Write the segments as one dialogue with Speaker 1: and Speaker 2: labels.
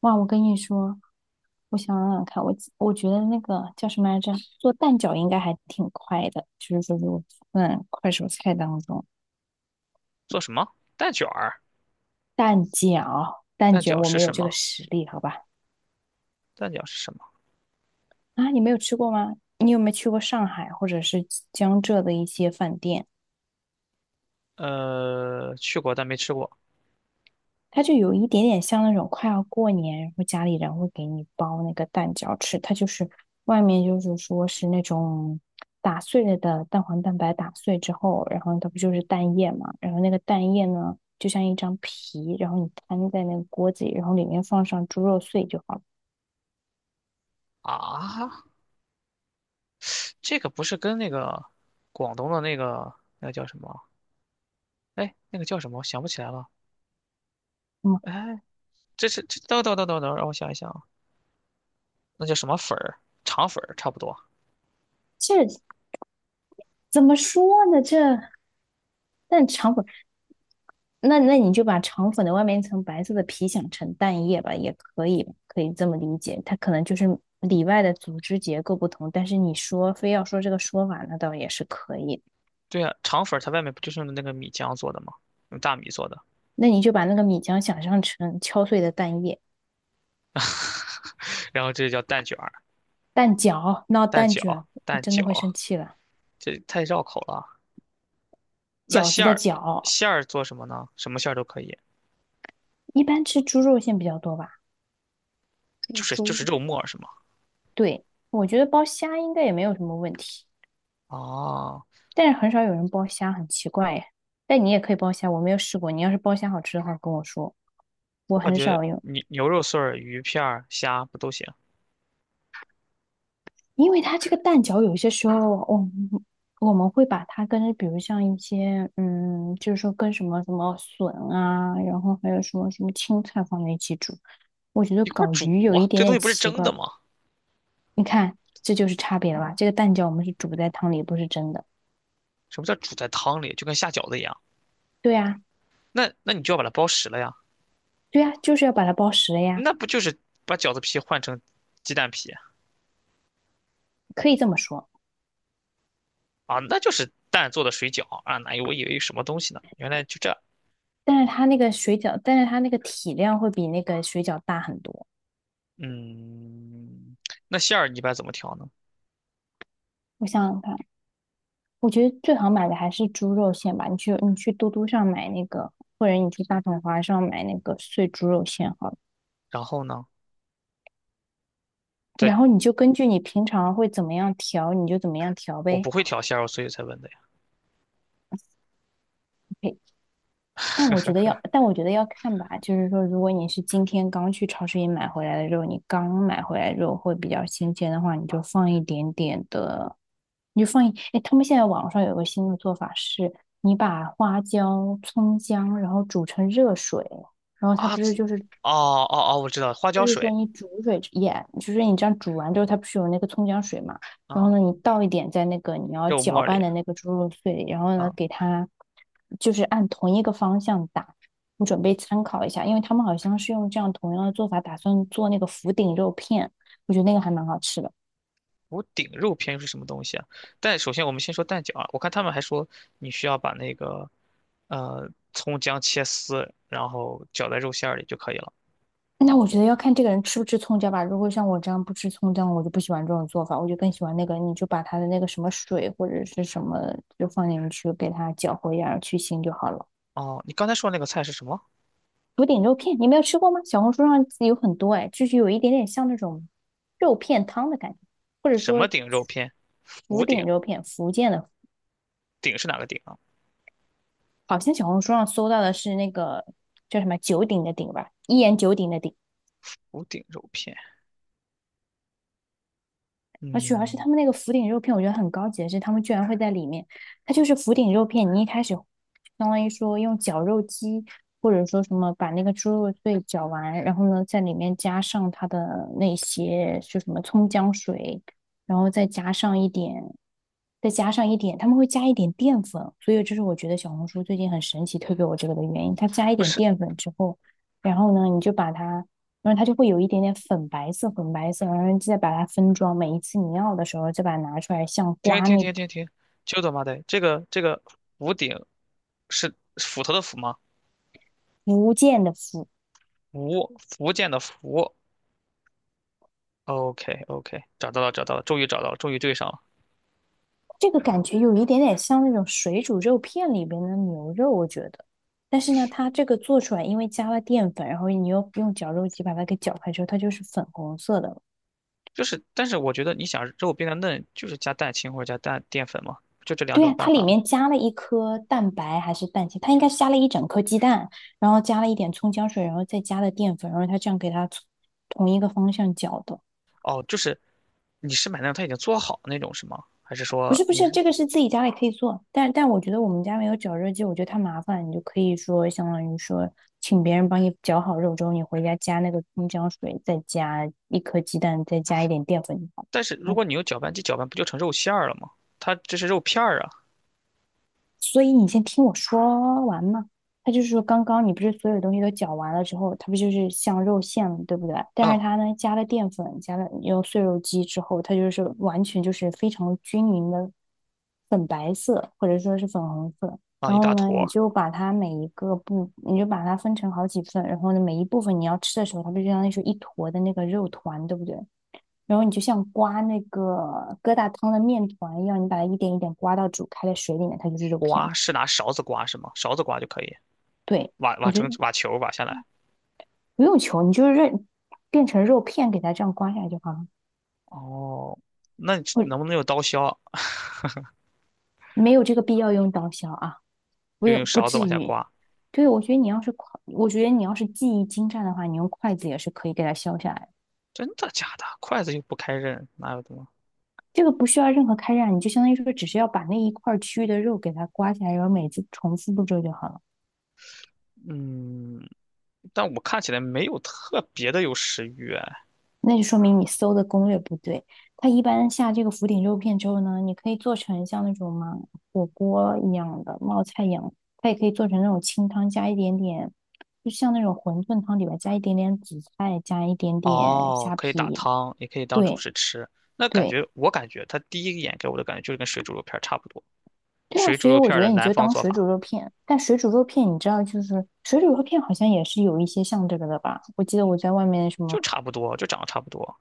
Speaker 1: 哇，我跟你说，我想想看，我觉得那个叫什么来着，做蛋饺应该还挺快的，就是说如果算快手菜当中，
Speaker 2: 做什么？蛋卷儿？
Speaker 1: 蛋饺、蛋
Speaker 2: 蛋
Speaker 1: 卷
Speaker 2: 饺
Speaker 1: 我
Speaker 2: 是
Speaker 1: 没有
Speaker 2: 什
Speaker 1: 这
Speaker 2: 么？
Speaker 1: 个实力，好吧？
Speaker 2: 蛋饺是什么？
Speaker 1: 啊，你没有吃过吗？你有没有去过上海或者是江浙的一些饭店？
Speaker 2: 去过但没吃过。
Speaker 1: 它就有一点点像那种快要过年，然后家里人会给你包那个蛋饺吃。它就是外面就是说是那种打碎了的蛋黄蛋白打碎之后，然后它不就是蛋液嘛？然后那个蛋液呢，就像一张皮，然后你摊在那个锅子里，然后里面放上猪肉碎就好了。
Speaker 2: 啊，这个不是跟那个广东的那个那个叫什么？哎，那个叫什么？我想不起来了。
Speaker 1: 嗯，
Speaker 2: 哎，这是这等等等等等，让我想一想啊，那叫什么粉儿？肠粉儿差不多。
Speaker 1: 这怎么说呢？这但肠粉。那你就把肠粉的外面一层白色的皮想成蛋液吧，也可以，可以这么理解。它可能就是里外的组织结构不同，但是你说非要说这个说法，那倒也是可以。
Speaker 2: 对呀啊，肠粉儿它外面不就是用的那个米浆做的吗？用大米做的。
Speaker 1: 那你就把那个米浆想象成敲碎的蛋液、
Speaker 2: 然后这叫蛋卷儿、
Speaker 1: 蛋饺，闹
Speaker 2: 蛋
Speaker 1: 蛋
Speaker 2: 饺、
Speaker 1: 卷，我
Speaker 2: 蛋
Speaker 1: 真的会
Speaker 2: 饺，
Speaker 1: 生气了。
Speaker 2: 这太绕口了。那
Speaker 1: 饺子
Speaker 2: 馅
Speaker 1: 的
Speaker 2: 儿，
Speaker 1: 饺，
Speaker 2: 馅儿做什么呢？什么馅儿都可以，
Speaker 1: 一般吃猪肉馅比较多吧？
Speaker 2: 就是就
Speaker 1: 猪，
Speaker 2: 是肉末是吗？
Speaker 1: 对，我觉得包虾应该也没有什么问题，
Speaker 2: 哦，
Speaker 1: 但是很少有人包虾，很奇怪耶。但你也可以包虾，我没有试过。你要是包虾好吃的话，跟我说。我
Speaker 2: 我感
Speaker 1: 很
Speaker 2: 觉
Speaker 1: 少用，
Speaker 2: 牛肉碎儿、鱼片儿、虾不都行？
Speaker 1: 因为它这个蛋饺有些时候我们会把它跟比如像一些就是说跟什么什么笋啊，然后还有什么什么青菜放在一起煮，我觉得
Speaker 2: 一块儿
Speaker 1: 搞
Speaker 2: 煮
Speaker 1: 鱼有一
Speaker 2: 啊，
Speaker 1: 点
Speaker 2: 这东西
Speaker 1: 点
Speaker 2: 不是
Speaker 1: 奇
Speaker 2: 蒸
Speaker 1: 怪。
Speaker 2: 的吗？
Speaker 1: 你看，这就是差别了吧？这个蛋饺我们是煮在汤里，不是蒸的。
Speaker 2: 什么叫煮在汤里？就跟下饺子一样。
Speaker 1: 对呀，
Speaker 2: 那那你就要把它包实了呀。
Speaker 1: 对呀，就是要把它包实了呀，
Speaker 2: 那不就是把饺子皮换成鸡蛋皮
Speaker 1: 可以这么说。
Speaker 2: 啊？那就是蛋做的水饺啊！哪有，我以为有什么东西呢，原来就这。
Speaker 1: 但是它那个体量会比那个水饺大很多。
Speaker 2: 嗯，那馅儿你一般怎么调呢？
Speaker 1: 我想想看。我觉得最好买的还是猪肉馅吧。你去嘟嘟上买那个，或者你去大统华上买那个碎猪肉馅好了。
Speaker 2: 然后呢？对，
Speaker 1: 然后你就根据你平常会怎么样调，你就怎么样调
Speaker 2: 我
Speaker 1: 呗。
Speaker 2: 不会调馅儿，所以才问的呀。
Speaker 1: OK，但我觉得要看吧。就是说，如果你是今天刚去超市里买回来的肉，你刚买回来的肉会比较新鲜的话，你就放一点点的，你就放一。哎，他们现在网上有个新的做法是，你把花椒、葱姜，然后煮成热水。然后它
Speaker 2: 啊，
Speaker 1: 不是
Speaker 2: 这
Speaker 1: 就是
Speaker 2: 哦，哦，哦，我知道了，花
Speaker 1: 就
Speaker 2: 椒
Speaker 1: 是说
Speaker 2: 水
Speaker 1: 你煮水也，就是你这样煮完之后，它不是有那个葱姜水嘛？然后
Speaker 2: 啊，
Speaker 1: 呢，你倒一点在那个你要
Speaker 2: 肉
Speaker 1: 搅
Speaker 2: 末
Speaker 1: 拌
Speaker 2: 里
Speaker 1: 的那个猪肉碎里，然后呢，
Speaker 2: 啊。
Speaker 1: 给它就是按同一个方向打。你准备参考一下，因为他们好像是用这样同样的做法，打算做那个福鼎肉片，我觉得那个还蛮好吃的。
Speaker 2: 福鼎肉片又是什么东西啊？但首先我们先说蛋饺啊，我看他们还说你需要把那个葱姜切丝，然后搅在肉馅儿里就可以了。
Speaker 1: 那我觉得要看这个人吃不吃葱姜吧。如果像我这样不吃葱姜，我就不喜欢这种做法，我就更喜欢那个，你就把它的那个什么水或者是什么就放进去，给它搅和一下，去腥就好了。
Speaker 2: 哦，你刚才说那个菜是什么？
Speaker 1: 福鼎肉片，你没有吃过吗？小红书上有很多哎，就是有一点点像那种肉片汤的感觉，或者
Speaker 2: 什
Speaker 1: 说
Speaker 2: 么顶肉片？
Speaker 1: 福
Speaker 2: 福鼎？
Speaker 1: 鼎肉片，福建的，
Speaker 2: 鼎是哪个鼎啊？
Speaker 1: 好像小红书上搜到的是那个叫什么九鼎的鼎吧，一言九鼎的鼎。
Speaker 2: 福鼎肉片？
Speaker 1: 而主要是
Speaker 2: 嗯，
Speaker 1: 他们那个福鼎肉片，我觉得很高级的是，他们居然会在里面，它就是福鼎肉片，你一开始相当于说用绞肉机，或者说什么把那个猪肉碎绞完，然后呢在里面加上它的那些就什么葱姜水，然后再加上一点，他们会加一点淀粉，所以这是我觉得小红书最近很神奇推给我这个的原因，它加一
Speaker 2: 不
Speaker 1: 点
Speaker 2: 是，
Speaker 1: 淀粉之后，然后呢你就把它。然后它就会有一点点粉白色，然后再把它分装。每一次你要的时候，再把它拿出来，像
Speaker 2: 停
Speaker 1: 刮
Speaker 2: 停
Speaker 1: 那个
Speaker 2: 停停停，就他妈的这个福鼎是斧头的斧吗？
Speaker 1: 福建的福，
Speaker 2: 福建的福。OK OK,找到了找到了，终于找到了，终于对上了。
Speaker 1: 这个感觉有一点点像那种水煮肉片里边的牛肉，我觉得。但是呢，它这个做出来，因为加了淀粉，然后你又用绞肉机把它给搅开之后，它就是粉红色的了。
Speaker 2: 就是，但是我觉得你想肉变得嫩，就是加蛋清或者加蛋淀粉嘛，就这两
Speaker 1: 对呀，
Speaker 2: 种办
Speaker 1: 它
Speaker 2: 法
Speaker 1: 里
Speaker 2: 嘛。
Speaker 1: 面加了一颗蛋白还是蛋清，它应该是加了一整颗鸡蛋，然后加了一点葱姜水，然后再加了淀粉，然后它这样给它从同一个方向搅的。
Speaker 2: 哦，就是你是买那种它已经做好的那种是吗？还是
Speaker 1: 不
Speaker 2: 说
Speaker 1: 是不
Speaker 2: 你
Speaker 1: 是，
Speaker 2: 是？
Speaker 1: 这个是自己家里可以做，但我觉得我们家没有绞肉机，我觉得太麻烦，你就可以说相当于说请别人帮你绞好肉之后，你回家加那个葱姜水，再加一颗鸡蛋，再加一点淀粉就好
Speaker 2: 但是如
Speaker 1: 了。
Speaker 2: 果你用搅拌机搅拌，不就成肉馅儿了吗？它这是肉片儿啊。
Speaker 1: 所以你先听我说完嘛。他就是说，刚刚你不是所有东西都搅完了之后，它不就是像肉馅了，对不对？但是
Speaker 2: 嗯。
Speaker 1: 它呢，加了淀粉，加了用碎肉机之后，它就是完全就是非常均匀的粉白色，或者说是粉红色。
Speaker 2: 啊，
Speaker 1: 然
Speaker 2: 一大
Speaker 1: 后呢，
Speaker 2: 坨
Speaker 1: 你
Speaker 2: 儿。
Speaker 1: 就把它每一个部，你就把它分成好几份，然后呢，每一部分你要吃的时候，它不就相当于是一坨的那个肉团，对不对？然后你就像刮那个疙瘩汤的面团一样，你把它一点一点刮到煮开的水里面，它就是肉片。
Speaker 2: 刮是拿勺子刮是吗？勺子刮就可以，
Speaker 1: 对，我觉得
Speaker 2: 挖球儿挖下来。
Speaker 1: 不用求，你就是认变成肉片给它这样刮下来就好了。
Speaker 2: 哦，那你
Speaker 1: 我
Speaker 2: 能不能用刀削？
Speaker 1: 没有这个必要用刀削啊，不
Speaker 2: 就
Speaker 1: 用
Speaker 2: 用
Speaker 1: 不
Speaker 2: 勺子
Speaker 1: 至
Speaker 2: 往下
Speaker 1: 于。
Speaker 2: 刮？
Speaker 1: 对，我觉得你要是筷我觉得你要是技艺精湛的话，你用筷子也是可以给它削下来的。
Speaker 2: 真的假的？筷子又不开刃，哪有的吗？
Speaker 1: 这个不需要任何开刃啊，你就相当于说只是要把那一块儿区域的肉给它刮下来，然后每次重复步骤就好了。
Speaker 2: 嗯，但我看起来没有特别的有食欲哎。
Speaker 1: 那就说明你搜的攻略不对。它一般下这个福鼎肉片之后呢，你可以做成像那种嘛火锅一样的冒菜一样，它也可以做成那种清汤加一点点，就像那种馄饨汤里边加一点点紫菜，加一点点
Speaker 2: 哦，
Speaker 1: 虾
Speaker 2: 可以打
Speaker 1: 皮。
Speaker 2: 汤，也可以当主
Speaker 1: 对
Speaker 2: 食吃。那感
Speaker 1: 对
Speaker 2: 觉，我感觉他第一眼给我的感觉就是跟水煮肉片儿差不多，
Speaker 1: 对啊，
Speaker 2: 水煮
Speaker 1: 所以
Speaker 2: 肉
Speaker 1: 我
Speaker 2: 片
Speaker 1: 觉
Speaker 2: 儿
Speaker 1: 得
Speaker 2: 的
Speaker 1: 你
Speaker 2: 南
Speaker 1: 就
Speaker 2: 方
Speaker 1: 当
Speaker 2: 做
Speaker 1: 水煮
Speaker 2: 法
Speaker 1: 肉片。但水煮肉片你知道，就是水煮肉片好像也是有一些像这个的吧？我记得我在外面什么。
Speaker 2: 就差不多，就长得差不多。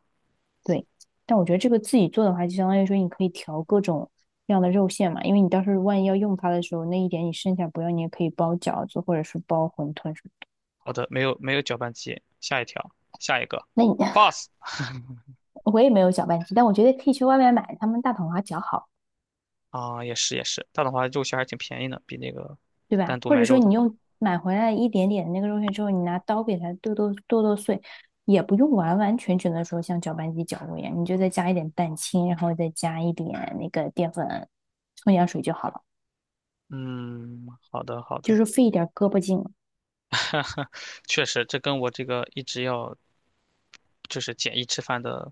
Speaker 1: 对，但我觉得这个自己做的话，就相当于说你可以调各种各样的肉馅嘛，因为你到时候万一要用它的时候，那一点你剩下不要，你也可以包饺子或者是包馄饨什么。
Speaker 2: 好的，没有没有搅拌机，下一条，下一个
Speaker 1: 那你
Speaker 2: ，pass
Speaker 1: 我也没有搅拌机，但我觉得可以去外面买他们大统华搅好，
Speaker 2: 啊，也是也是，这样的话肉馅还挺便宜的，比那个
Speaker 1: 对吧？
Speaker 2: 单独
Speaker 1: 或者
Speaker 2: 买
Speaker 1: 说
Speaker 2: 肉的
Speaker 1: 你
Speaker 2: 话。
Speaker 1: 用买回来一点点的那个肉馅之后，你拿刀给它剁剁剁剁碎，也不用完完全全的说像搅拌机搅过一样，你就再加一点蛋清，然后再加一点那个淀粉、葱姜水就好了，
Speaker 2: 嗯，好的好
Speaker 1: 就
Speaker 2: 的，
Speaker 1: 是费一点胳膊劲了。
Speaker 2: 确实，这跟我这个一直要就是简易吃饭的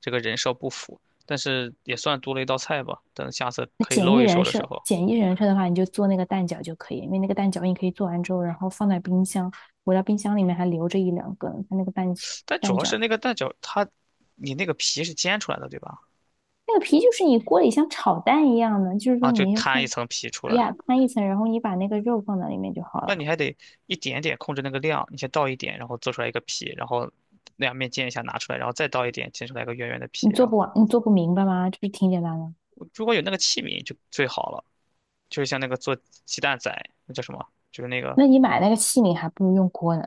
Speaker 2: 这个人设不符，但是也算多了一道菜吧。等下次
Speaker 1: 那
Speaker 2: 可以
Speaker 1: 简
Speaker 2: 露
Speaker 1: 易
Speaker 2: 一手
Speaker 1: 人
Speaker 2: 的时
Speaker 1: 设，
Speaker 2: 候，
Speaker 1: 简易人设的话，你就做那个蛋饺就可以，因为那个蛋饺你可以做完之后，然后放在冰箱，我到冰箱里面还留着一两个呢。它那个蛋
Speaker 2: 但主
Speaker 1: 蛋
Speaker 2: 要
Speaker 1: 饺，
Speaker 2: 是那个蛋饺，它你那个皮是煎出来的，对吧？
Speaker 1: 那个皮就是你锅里像炒蛋一样的，就是说
Speaker 2: 啊，就
Speaker 1: 你先
Speaker 2: 摊一
Speaker 1: 放
Speaker 2: 层皮出来，
Speaker 1: 呀摊一层，然后你把那个肉放在里面就好
Speaker 2: 那
Speaker 1: 了。
Speaker 2: 你还得一点点控制那个量，你先倒一点，然后做出来一个皮，然后两面煎一下拿出来，然后再倒一点，煎出来一个圆圆的皮。
Speaker 1: 你做
Speaker 2: 然后
Speaker 1: 不完，你做不明白吗？就是挺简单的。
Speaker 2: 如果有那个器皿就最好了，就是像那个做鸡蛋仔，那叫什么？就是那个
Speaker 1: 那你买那个器皿还不如用锅呢。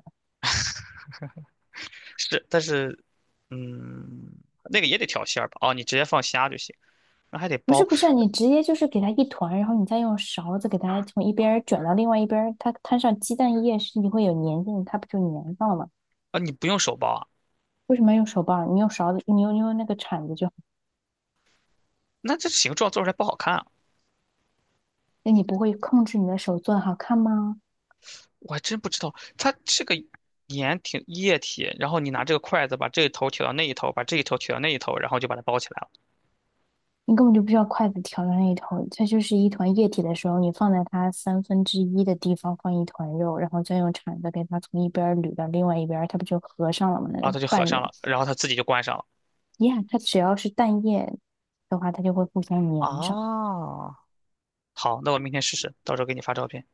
Speaker 2: 是，但是嗯，那个也得调馅儿吧？哦，你直接放虾就行。那还得
Speaker 1: 不
Speaker 2: 包
Speaker 1: 是不是啊，你直接就是给它一团，然后你再用勺子给它从一边儿卷到另外一边儿它摊上鸡蛋液是你会有粘性，它不就粘上了吗？
Speaker 2: 啊？你不用手包啊？
Speaker 1: 为什么要用手把儿你用勺子，你用那个铲子就好。
Speaker 2: 那这形状做出来不好看啊？
Speaker 1: 那你不会控制你的手做的好看吗？
Speaker 2: 我还真不知道，它这个盐挺液体，然后你拿这个筷子把这一头挑到那一头，把这一头挑到那一头，然后就把它包起来了，
Speaker 1: 你根本就不需要筷子挑的那一头，它就是一团液体的时候，你放在它1/3的地方放一团肉，然后再用铲子给它从一边儿捋到另外一边儿，它不就合上了吗？那
Speaker 2: 然后
Speaker 1: 个
Speaker 2: 它就合
Speaker 1: 半
Speaker 2: 上
Speaker 1: 圆，
Speaker 2: 了，然后它自己就关上了。
Speaker 1: 呀，它只要是蛋液的话，它就会互相粘上。
Speaker 2: 啊，好，那我明天试试，到时候给你发照片。